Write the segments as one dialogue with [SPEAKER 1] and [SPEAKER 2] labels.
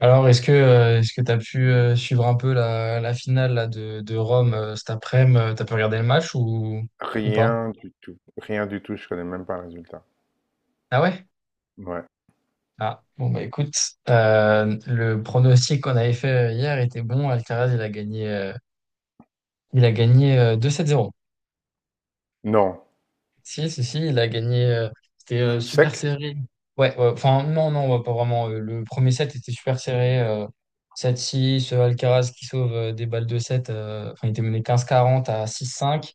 [SPEAKER 1] Alors, est-ce que tu as pu suivre un peu la finale là, de Rome, cet après-midi? T'as pu regarder le match ou pas?
[SPEAKER 2] Rien du tout. Rien du tout, je connais même pas le résultat.
[SPEAKER 1] Ah ouais?
[SPEAKER 2] Ouais.
[SPEAKER 1] Ah, bon, bah écoute, le pronostic qu'on avait fait, hier était bon. Alcaraz, il a gagné 2-7-0.
[SPEAKER 2] Non.
[SPEAKER 1] Si, si, si, il a gagné. C'était super
[SPEAKER 2] Sec?
[SPEAKER 1] serré. Ouais, ouais, enfin, non, non, ouais, pas vraiment. Le premier set était super serré. 7-6, Alcaraz qui sauve des balles de 7. Enfin, il était mené quinze quarante à six cinq.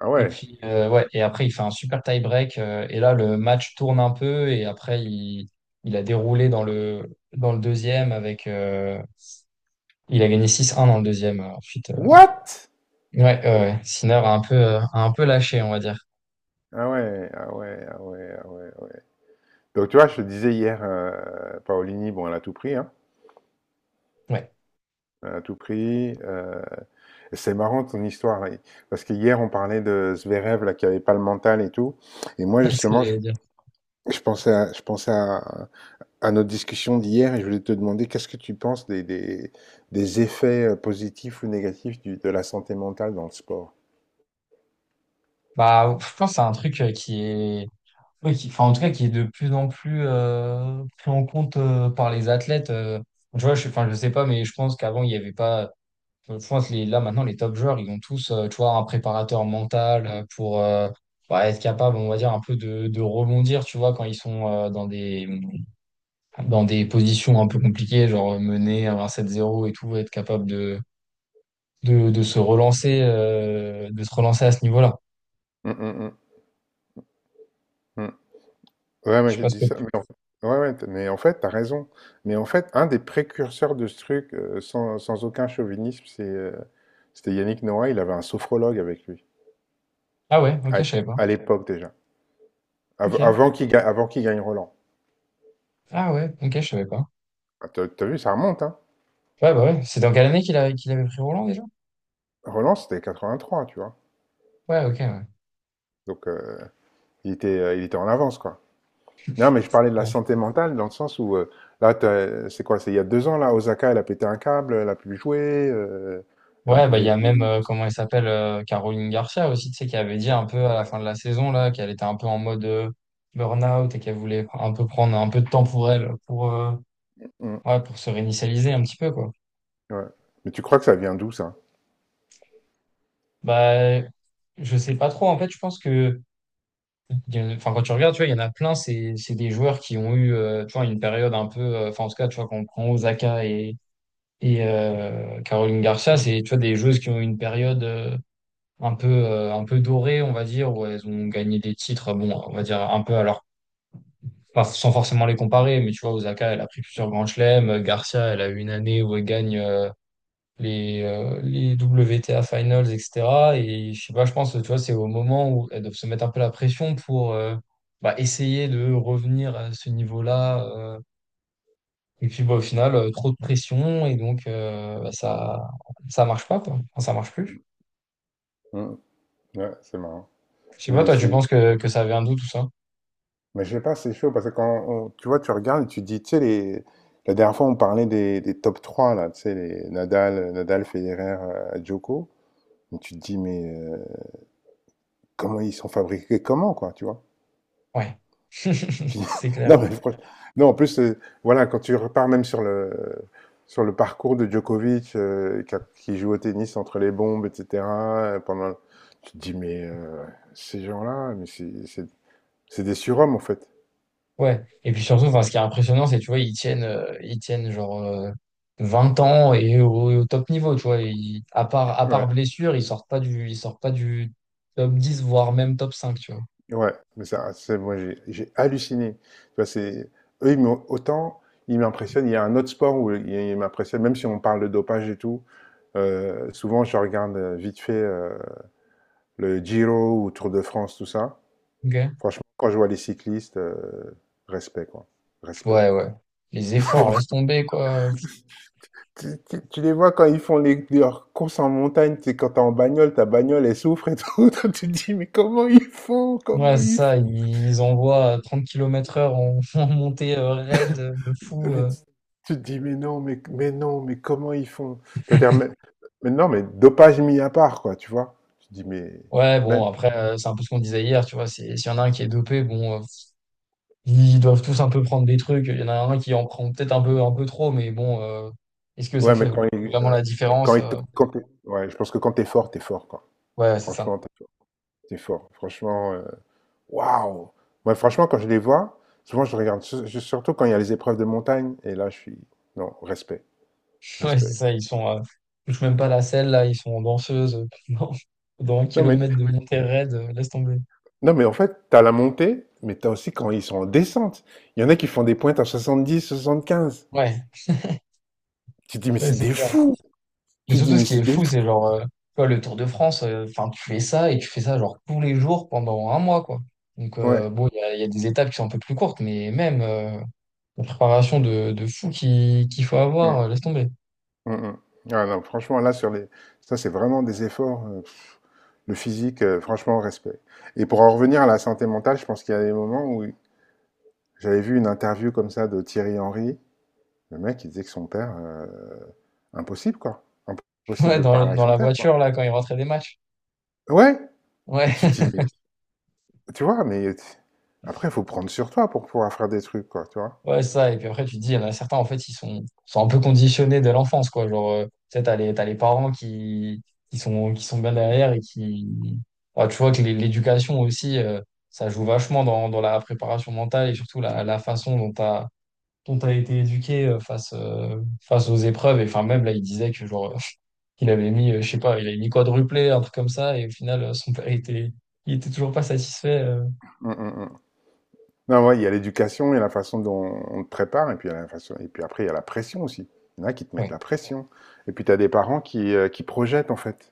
[SPEAKER 2] Ah
[SPEAKER 1] Et
[SPEAKER 2] ouais.
[SPEAKER 1] puis, ouais, et après, il fait un super tie-break. Et là, le match tourne un peu. Et après, il a déroulé dans le deuxième avec. Il a gagné 6-1 dans le deuxième. Ensuite,
[SPEAKER 2] What?
[SPEAKER 1] ouais, ouais, ouais. Sinner a un peu lâché, on va dire.
[SPEAKER 2] Ah ouais, ah ouais, ah ouais, ah ouais, ah ouais. Donc tu vois, je te disais hier, Paolini, bon, elle a tout pris, hein.
[SPEAKER 1] Ouais,
[SPEAKER 2] Elle a tout pris. C'est marrant ton histoire, là. Parce que hier, on parlait de Zverev, là, qui avait pas le mental et tout. Et moi,
[SPEAKER 1] c'est ce que
[SPEAKER 2] justement, je,
[SPEAKER 1] j'allais dire.
[SPEAKER 2] je pensais à, je pensais à, à notre discussion d'hier et je voulais te demander qu'est-ce que tu penses des effets, positifs ou négatifs de la santé mentale dans le sport?
[SPEAKER 1] Bah, je pense que c'est un truc qui est. Oui, qui, enfin, en tout cas, qui est de plus en plus pris en compte par les athlètes. Tu vois, je, enfin, je sais pas, mais je pense qu'avant, il n'y avait pas. Je pense que les, là, maintenant, les top joueurs, ils ont tous, tu vois, un préparateur mental pour, bah, être capable, on va dire, un peu de rebondir, tu vois, quand ils sont dans des positions un peu compliquées, genre mener à un 7 zéro et tout, être capable de se relancer à ce niveau-là.
[SPEAKER 2] Mmh, mmh, mmh, mmh. Ouais,
[SPEAKER 1] Je
[SPEAKER 2] ouais,
[SPEAKER 1] sais
[SPEAKER 2] j'ai
[SPEAKER 1] pas ce
[SPEAKER 2] dit
[SPEAKER 1] que...
[SPEAKER 2] ça, mais en ouais, ouais, t mais en fait, t'as raison. Mais en fait, un des précurseurs de ce truc, sans aucun chauvinisme, c'était Yannick Noah, il avait un sophrologue avec lui,
[SPEAKER 1] Ah ouais, ok,
[SPEAKER 2] à
[SPEAKER 1] je savais pas.
[SPEAKER 2] à l'époque déjà, av
[SPEAKER 1] Ok.
[SPEAKER 2] avant qu'il ga avant qu'il gagne Roland.
[SPEAKER 1] Ah ouais, ok, je savais pas.
[SPEAKER 2] Ah, tu as vu, ça remonte, hein?
[SPEAKER 1] Ouais, bah ouais. C'est dans quelle année qu'il avait pris Roland déjà?
[SPEAKER 2] Roland, c'était 83, tu vois?
[SPEAKER 1] Ouais, ok, ouais.
[SPEAKER 2] Donc il était en avance, quoi. Non, mais je parlais de la
[SPEAKER 1] Ok.
[SPEAKER 2] santé mentale dans le sens où, là, tu c'est quoi? C'est il y a 2 ans, là, Osaka, elle a pété un câble, elle a plus joué, elle en
[SPEAKER 1] Ouais, bah, il
[SPEAKER 2] pouvait
[SPEAKER 1] y a
[SPEAKER 2] plus.
[SPEAKER 1] même, comment elle s'appelle, Caroline Garcia aussi, tu sais, qui avait dit un peu à la
[SPEAKER 2] Ouais.
[SPEAKER 1] fin de la saison, là, qu'elle était un peu en mode burn-out et qu'elle voulait un peu prendre un peu de temps pour elle,
[SPEAKER 2] Mmh.
[SPEAKER 1] ouais, pour se réinitialiser un petit peu, quoi.
[SPEAKER 2] Ouais. Mais tu crois que ça vient d'où ça?
[SPEAKER 1] Bah, je sais pas trop, en fait, je pense que il y en a- enfin, quand tu regardes, tu vois, il y en a plein, c'est des joueurs qui ont eu, tu vois, une période un peu, enfin, en tout cas, tu vois, quand on prend Osaka et Caroline Garcia, c'est, tu vois, des joueuses qui ont eu une période. Un peu dorées, on va dire, où elles ont gagné des titres, bon, on va dire un peu, alors, pas, sans forcément les comparer, mais tu vois, Osaka, elle a pris plusieurs grands chelems, Garcia, elle a eu une année où elle gagne les WTA Finals, etc. Et je sais pas, je pense, tu vois, c'est au moment où elles doivent se mettre un peu la pression pour bah, essayer de revenir à ce niveau-là. Et puis, bah, au final, trop de pression, et donc, bah, ça marche pas, quoi. Enfin, ça marche plus.
[SPEAKER 2] Mmh. Ouais, c'est marrant.
[SPEAKER 1] Je sais pas,
[SPEAKER 2] Mais
[SPEAKER 1] toi, tu
[SPEAKER 2] c'est
[SPEAKER 1] penses que ça avait un doute, tout ça?
[SPEAKER 2] mais je sais pas, c'est chaud parce que quand on tu vois, tu regardes et tu dis, tu sais les la dernière fois on parlait des top 3 là, tu sais les Nadal, Federer, Djoko. Et tu te dis mais comment ils sont fabriqués comment quoi, tu vois?
[SPEAKER 1] Ouais,
[SPEAKER 2] Puis-
[SPEAKER 1] c'est clair.
[SPEAKER 2] non, mais non, en plus, voilà, quand tu repars même sur le parcours de Djokovic, qui joue au tennis entre les bombes, etc., pendant, tu te dis, mais ces gens-là, mais c'est des surhommes, en fait.
[SPEAKER 1] Ouais. Et puis surtout, enfin, ce qui est impressionnant, c'est, tu vois, ils tiennent genre 20 ans et au top niveau, tu vois. Ils- à part, à
[SPEAKER 2] Ouais,
[SPEAKER 1] part blessure, ils sortent pas du top 10, voire même top 5, tu vois.
[SPEAKER 2] ouais, mais ça, c'est, moi, j'ai halluciné. Tu vois, c'est, eux, autant, ils m'impressionnent. Il y a un autre sport où ils m'impressionnent, même si on parle de dopage et tout. Souvent, je regarde vite fait le Giro ou Tour de France, tout ça.
[SPEAKER 1] Ok.
[SPEAKER 2] Franchement, quand je vois les cyclistes, respect, quoi. Respect.
[SPEAKER 1] Ouais, ouais. Les efforts, laisse tomber, quoi.
[SPEAKER 2] Tu les vois quand ils font leurs courses en montagne, tu sais, quand t'es en bagnole, ta bagnole, elle souffre et tout. Toi, tu te dis, mais comment ils font? Comment
[SPEAKER 1] Ouais, c'est
[SPEAKER 2] ils font?
[SPEAKER 1] ça, ils envoient à 30 km/h en, en montée raide, de fou.
[SPEAKER 2] Mais tu te dis, mais non, mais non, mais comment ils font? C'est-à-dire, mais non, mais dopage mis à part, quoi, tu vois? Tu te dis, mais
[SPEAKER 1] Ouais,
[SPEAKER 2] même.
[SPEAKER 1] bon, après, c'est un peu ce qu'on disait hier, tu vois. S'il y en a un qui est dopé, bon. Ils doivent tous un peu prendre des trucs. Il y en a un qui en prend peut-être un peu trop, mais bon, est-ce que ça
[SPEAKER 2] Ouais, mais
[SPEAKER 1] fait
[SPEAKER 2] quand ils.
[SPEAKER 1] vraiment
[SPEAKER 2] Ouais,
[SPEAKER 1] la
[SPEAKER 2] ouais, quand
[SPEAKER 1] différence?
[SPEAKER 2] ils te- quand t'es- ouais, je pense que quand t'es fort, quoi.
[SPEAKER 1] Ouais, c'est ça.
[SPEAKER 2] Franchement, t'es fort. T'es fort. Franchement. Waouh! Ouais, franchement, quand je les vois, souvent je regarde, surtout quand il y a les épreuves de montagne, et là je suis. Non, respect,
[SPEAKER 1] Ouais, c'est
[SPEAKER 2] respect.
[SPEAKER 1] ça. Ils touchent même pas la selle, là. Ils sont en danseuse pendant un
[SPEAKER 2] Non, mais,
[SPEAKER 1] kilomètre de montée raide. Laisse tomber.
[SPEAKER 2] non, mais en fait, tu as la montée, mais tu as aussi quand ils sont en descente. Il y en a qui font des pointes à 70, 75.
[SPEAKER 1] Ouais,
[SPEAKER 2] Tu te dis, mais
[SPEAKER 1] ouais,
[SPEAKER 2] c'est
[SPEAKER 1] c'est
[SPEAKER 2] des
[SPEAKER 1] clair.
[SPEAKER 2] fous!
[SPEAKER 1] Mais
[SPEAKER 2] Tu te dis,
[SPEAKER 1] surtout, ce
[SPEAKER 2] mais
[SPEAKER 1] qui
[SPEAKER 2] c'est
[SPEAKER 1] est
[SPEAKER 2] des fous!
[SPEAKER 1] fou, c'est genre, tu vois, le Tour de France, enfin, tu fais ça et tu fais ça genre tous les jours pendant un mois, quoi. Donc,
[SPEAKER 2] Ouais.
[SPEAKER 1] bon, il y a des étapes qui sont un peu plus courtes, mais même la préparation de fou qu'il faut avoir,
[SPEAKER 2] Mm,
[SPEAKER 1] laisse tomber.
[SPEAKER 2] mm, mm. Ah non, franchement, là, sur les. Ça, c'est vraiment des efforts. Pff, le physique, franchement, respect. Et pour en revenir à la santé mentale, je pense qu'il y a des moments où j'avais vu une interview comme ça de Thierry Henry. Le mec, il disait que son père, impossible, quoi. Impossible
[SPEAKER 1] Ouais,
[SPEAKER 2] de parler avec
[SPEAKER 1] dans
[SPEAKER 2] son
[SPEAKER 1] la
[SPEAKER 2] père, quoi.
[SPEAKER 1] voiture, là, quand ils rentraient des matchs.
[SPEAKER 2] Ouais, mais tu
[SPEAKER 1] Ouais,
[SPEAKER 2] te dis: «Mais» tu vois? Mais t après, il faut prendre sur toi pour pouvoir faire des trucs, quoi, tu vois?
[SPEAKER 1] ouais, ça. Et puis après, tu te dis, il y en a certains, en fait, ils sont un peu conditionnés dès l'enfance, quoi. Genre, tu sais, t'as les parents qui sont bien derrière et qui. Ouais, tu vois que l'éducation aussi, ça joue vachement dans la préparation mentale, et surtout la façon dont t'as été éduqué face aux épreuves. Et enfin, même là, il disait que, genre, il avait mis, je sais pas, il avait mis quadruplé, un truc comme ça. Et au final, son père, il était toujours pas satisfait.
[SPEAKER 2] Mmh mh mh. Non, ouais, il y a l'éducation, il y a la façon dont on te prépare et puis il y a la façon et puis après, il y a la pression aussi. Il y en a qui te mettent
[SPEAKER 1] Ouais.
[SPEAKER 2] la pression et puis tu as des parents qui projettent, en fait.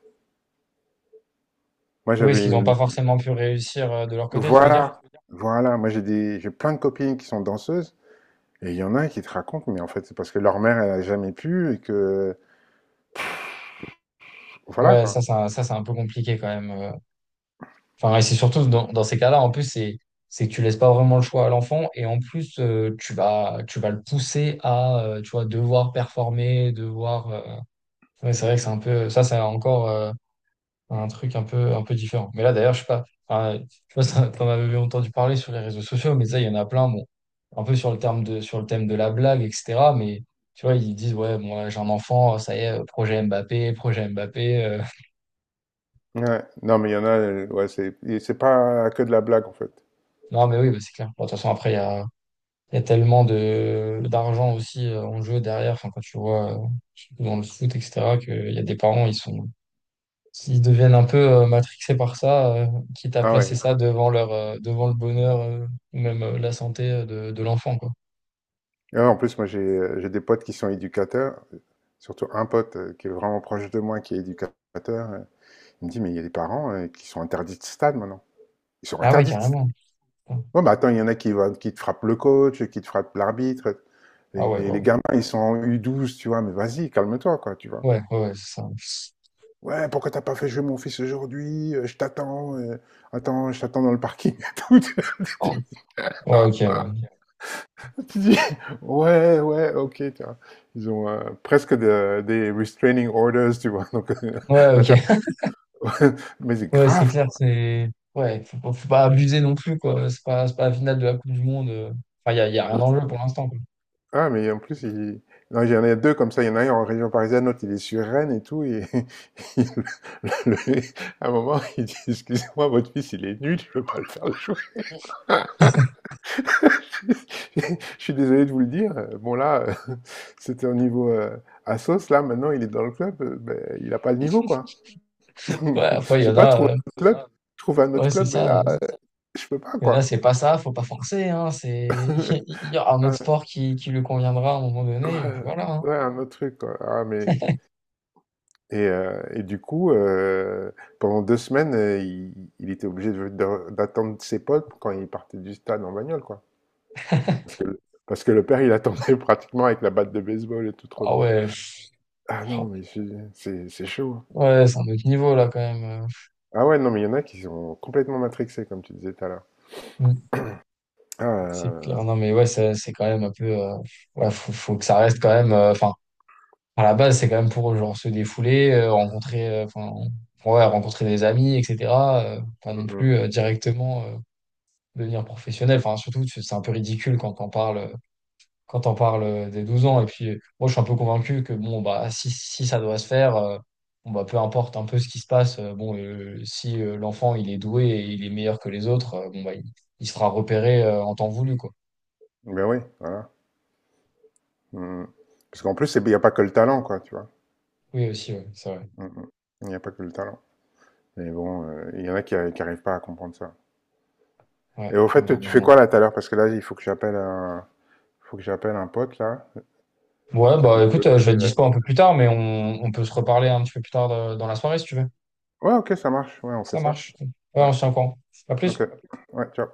[SPEAKER 2] Moi,
[SPEAKER 1] Oui, ce qu'ils
[SPEAKER 2] j'avais
[SPEAKER 1] n'ont
[SPEAKER 2] une
[SPEAKER 1] pas forcément pu réussir de leur côté, tu veux dire?
[SPEAKER 2] voilà, voilà, moi, j'ai plein de copines qui sont danseuses et il y en a qui te racontent, mais en fait, c'est parce que leur mère, elle a jamais pu et que voilà,
[SPEAKER 1] Ouais, ça,
[SPEAKER 2] quoi.
[SPEAKER 1] c'est un peu compliqué quand même. Enfin, et c'est surtout dans ces cas-là, en plus, c'est que tu laisses pas vraiment le choix à l'enfant, et en plus, tu vas le pousser à, tu vois, devoir performer, devoir. Ouais, c'est vrai que c'est un peu, ça, c'est encore un truc un peu différent. Mais là, d'ailleurs, je sais pas, enfin, je sais pas si t'en avais entendu parler sur les réseaux sociaux, mais ça, il y en a plein, bon, un peu sur le terme de, sur le thème de la blague, etc. Mais tu vois, ils disent, ouais, bon, là, j'ai un enfant, ça y est, projet Mbappé, projet Mbappé.
[SPEAKER 2] Ouais. Non, mais il y en a, ouais, c'est pas que de la blague en fait.
[SPEAKER 1] Non, mais oui, bah, c'est clair. Bon, de toute façon, après, il y a tellement d'argent aussi en jeu derrière, enfin, quand tu vois dans le foot, etc., qu'il y a des parents, ils sont. S'ils deviennent un peu matrixés par ça, quitte à
[SPEAKER 2] Ah
[SPEAKER 1] placer
[SPEAKER 2] ouais.
[SPEAKER 1] ça devant devant le bonheur ou même la santé de l'enfant, quoi.
[SPEAKER 2] Et ouais, en plus, moi j'ai des potes qui sont éducateurs, surtout un pote qui est vraiment proche de moi qui est éducateur. euh, Il me dit, mais il y a des parents qui sont interdits de stade maintenant. Ils sont
[SPEAKER 1] Ah ouais,
[SPEAKER 2] interdits de stade.
[SPEAKER 1] carrément. Putain.
[SPEAKER 2] Ouais, mais attends, il y en a qui te frappent le coach, qui te frappent l'arbitre.
[SPEAKER 1] Ah ouais,
[SPEAKER 2] Et les
[SPEAKER 1] waouh.
[SPEAKER 2] gamins, ils sont en U12, tu vois, mais vas-y, calme-toi, quoi, tu vois.
[SPEAKER 1] Ouais, ouais, ouais, c'est ça.
[SPEAKER 2] Ouais, pourquoi t'as pas fait jouer mon fils aujourd'hui? Je t'attends dans le parking et
[SPEAKER 1] Oh. Ouais, ok. Ouais,
[SPEAKER 2] tout. Tu dis, ouais, ouais, ok, tu vois. Ils ont presque des restraining orders, tu vois. Donc,
[SPEAKER 1] ouais, ok.
[SPEAKER 2] inter- mais c'est
[SPEAKER 1] Ouais, c'est
[SPEAKER 2] grave,
[SPEAKER 1] clair,
[SPEAKER 2] quoi.
[SPEAKER 1] c'est. Ouais, faut pas abuser non plus, quoi. C'est pas la finale de la Coupe du Monde. Enfin, y a rien en jeu pour l'instant, quoi.
[SPEAKER 2] Ah, mais en plus, non, il y en a deux comme ça. Il y en a un en région parisienne, l'autre, il est sur Rennes et tout. Et il- le- le- à un moment, il dit, excusez-moi, votre fils, il est nul, je ne veux pas le faire jouer. Je suis désolé de vous le dire. Bon, là, c'était au niveau Assos. Là, maintenant, il est dans le club. Ben, il n'a pas le niveau, quoi.
[SPEAKER 1] Ouais, après, il y
[SPEAKER 2] J'ai
[SPEAKER 1] en
[SPEAKER 2] pas trouvé
[SPEAKER 1] a.
[SPEAKER 2] un autre club. Ah, Je trouve un
[SPEAKER 1] Ouais,
[SPEAKER 2] autre
[SPEAKER 1] c'est
[SPEAKER 2] club, mais
[SPEAKER 1] ça.
[SPEAKER 2] là, je peux pas,
[SPEAKER 1] Il y en a,
[SPEAKER 2] quoi.
[SPEAKER 1] c'est pas ça, faut pas forcer, hein. C'est... Il y aura un
[SPEAKER 2] Ah,
[SPEAKER 1] autre sport qui lui conviendra à un moment donné, et puis
[SPEAKER 2] ouais,
[SPEAKER 1] voilà, hein.
[SPEAKER 2] ouais, un autre truc, quoi. Ah, mais... Et du coup, pendant 2 semaines, il était obligé d'attendre ses potes quand il partait du stade en bagnole, quoi. Parce que le père, il attendait pratiquement avec la batte de baseball et tout, trop
[SPEAKER 1] Ah
[SPEAKER 2] drôle.
[SPEAKER 1] ouais.
[SPEAKER 2] Ah non, mais c'est chaud, hein.
[SPEAKER 1] Ouais, c'est un autre niveau là quand même.
[SPEAKER 2] Ah ouais, non, mais il y en a qui sont complètement matrixés, comme tu disais tout à l'heure.
[SPEAKER 1] Mm.
[SPEAKER 2] Ah,
[SPEAKER 1] C'est clair. Non mais ouais, c'est quand même un peu. Ouais, faut que ça reste quand même. Enfin, à la base, c'est quand même pour genre se défouler, rencontrer, enfin, ouais, rencontrer des amis, etc. Pas non
[SPEAKER 2] mm, mm.
[SPEAKER 1] plus directement devenir professionnel. Enfin, surtout, c'est un peu ridicule quand on parle des 12 ans. Et puis, moi, je suis un peu convaincu que, bon, bah, si ça doit se faire, bon, bah, peu importe un peu ce qui se passe, bon, si l'enfant, il est doué et il est meilleur que les autres, bon, bah, il se fera repérer en temps voulu, quoi.
[SPEAKER 2] Ben oui, voilà. Mmh. Parce qu'en plus, il n'y a pas que le talent, quoi, tu vois.
[SPEAKER 1] Oui, aussi, ouais, c'est vrai.
[SPEAKER 2] Mmh, mmh. Il n'y a pas que le talent. Mais bon, il y en a qui n'arrivent pas à comprendre ça. Et
[SPEAKER 1] Ouais,
[SPEAKER 2] au fait, tu fais
[SPEAKER 1] malheureusement.
[SPEAKER 2] quoi là tout à l'heure? Parce que là, il faut que j'appelle un... faut que j'appelle un pote là,
[SPEAKER 1] Ouais,
[SPEAKER 2] qui
[SPEAKER 1] bah,
[SPEAKER 2] habite de
[SPEAKER 1] écoute,
[SPEAKER 2] l'autre
[SPEAKER 1] je vais
[SPEAKER 2] côté de
[SPEAKER 1] être dispo un peu
[SPEAKER 2] l'Atlantique.
[SPEAKER 1] plus tard, mais on peut se reparler un petit peu plus tard dans la soirée, si tu veux.
[SPEAKER 2] Ouais, ok, ça marche. Ouais, on fait
[SPEAKER 1] Ça
[SPEAKER 2] ça.
[SPEAKER 1] marche. Ouais,
[SPEAKER 2] Ouais,
[SPEAKER 1] on se tient au courant. À
[SPEAKER 2] ok.
[SPEAKER 1] plus.
[SPEAKER 2] Ouais, ciao.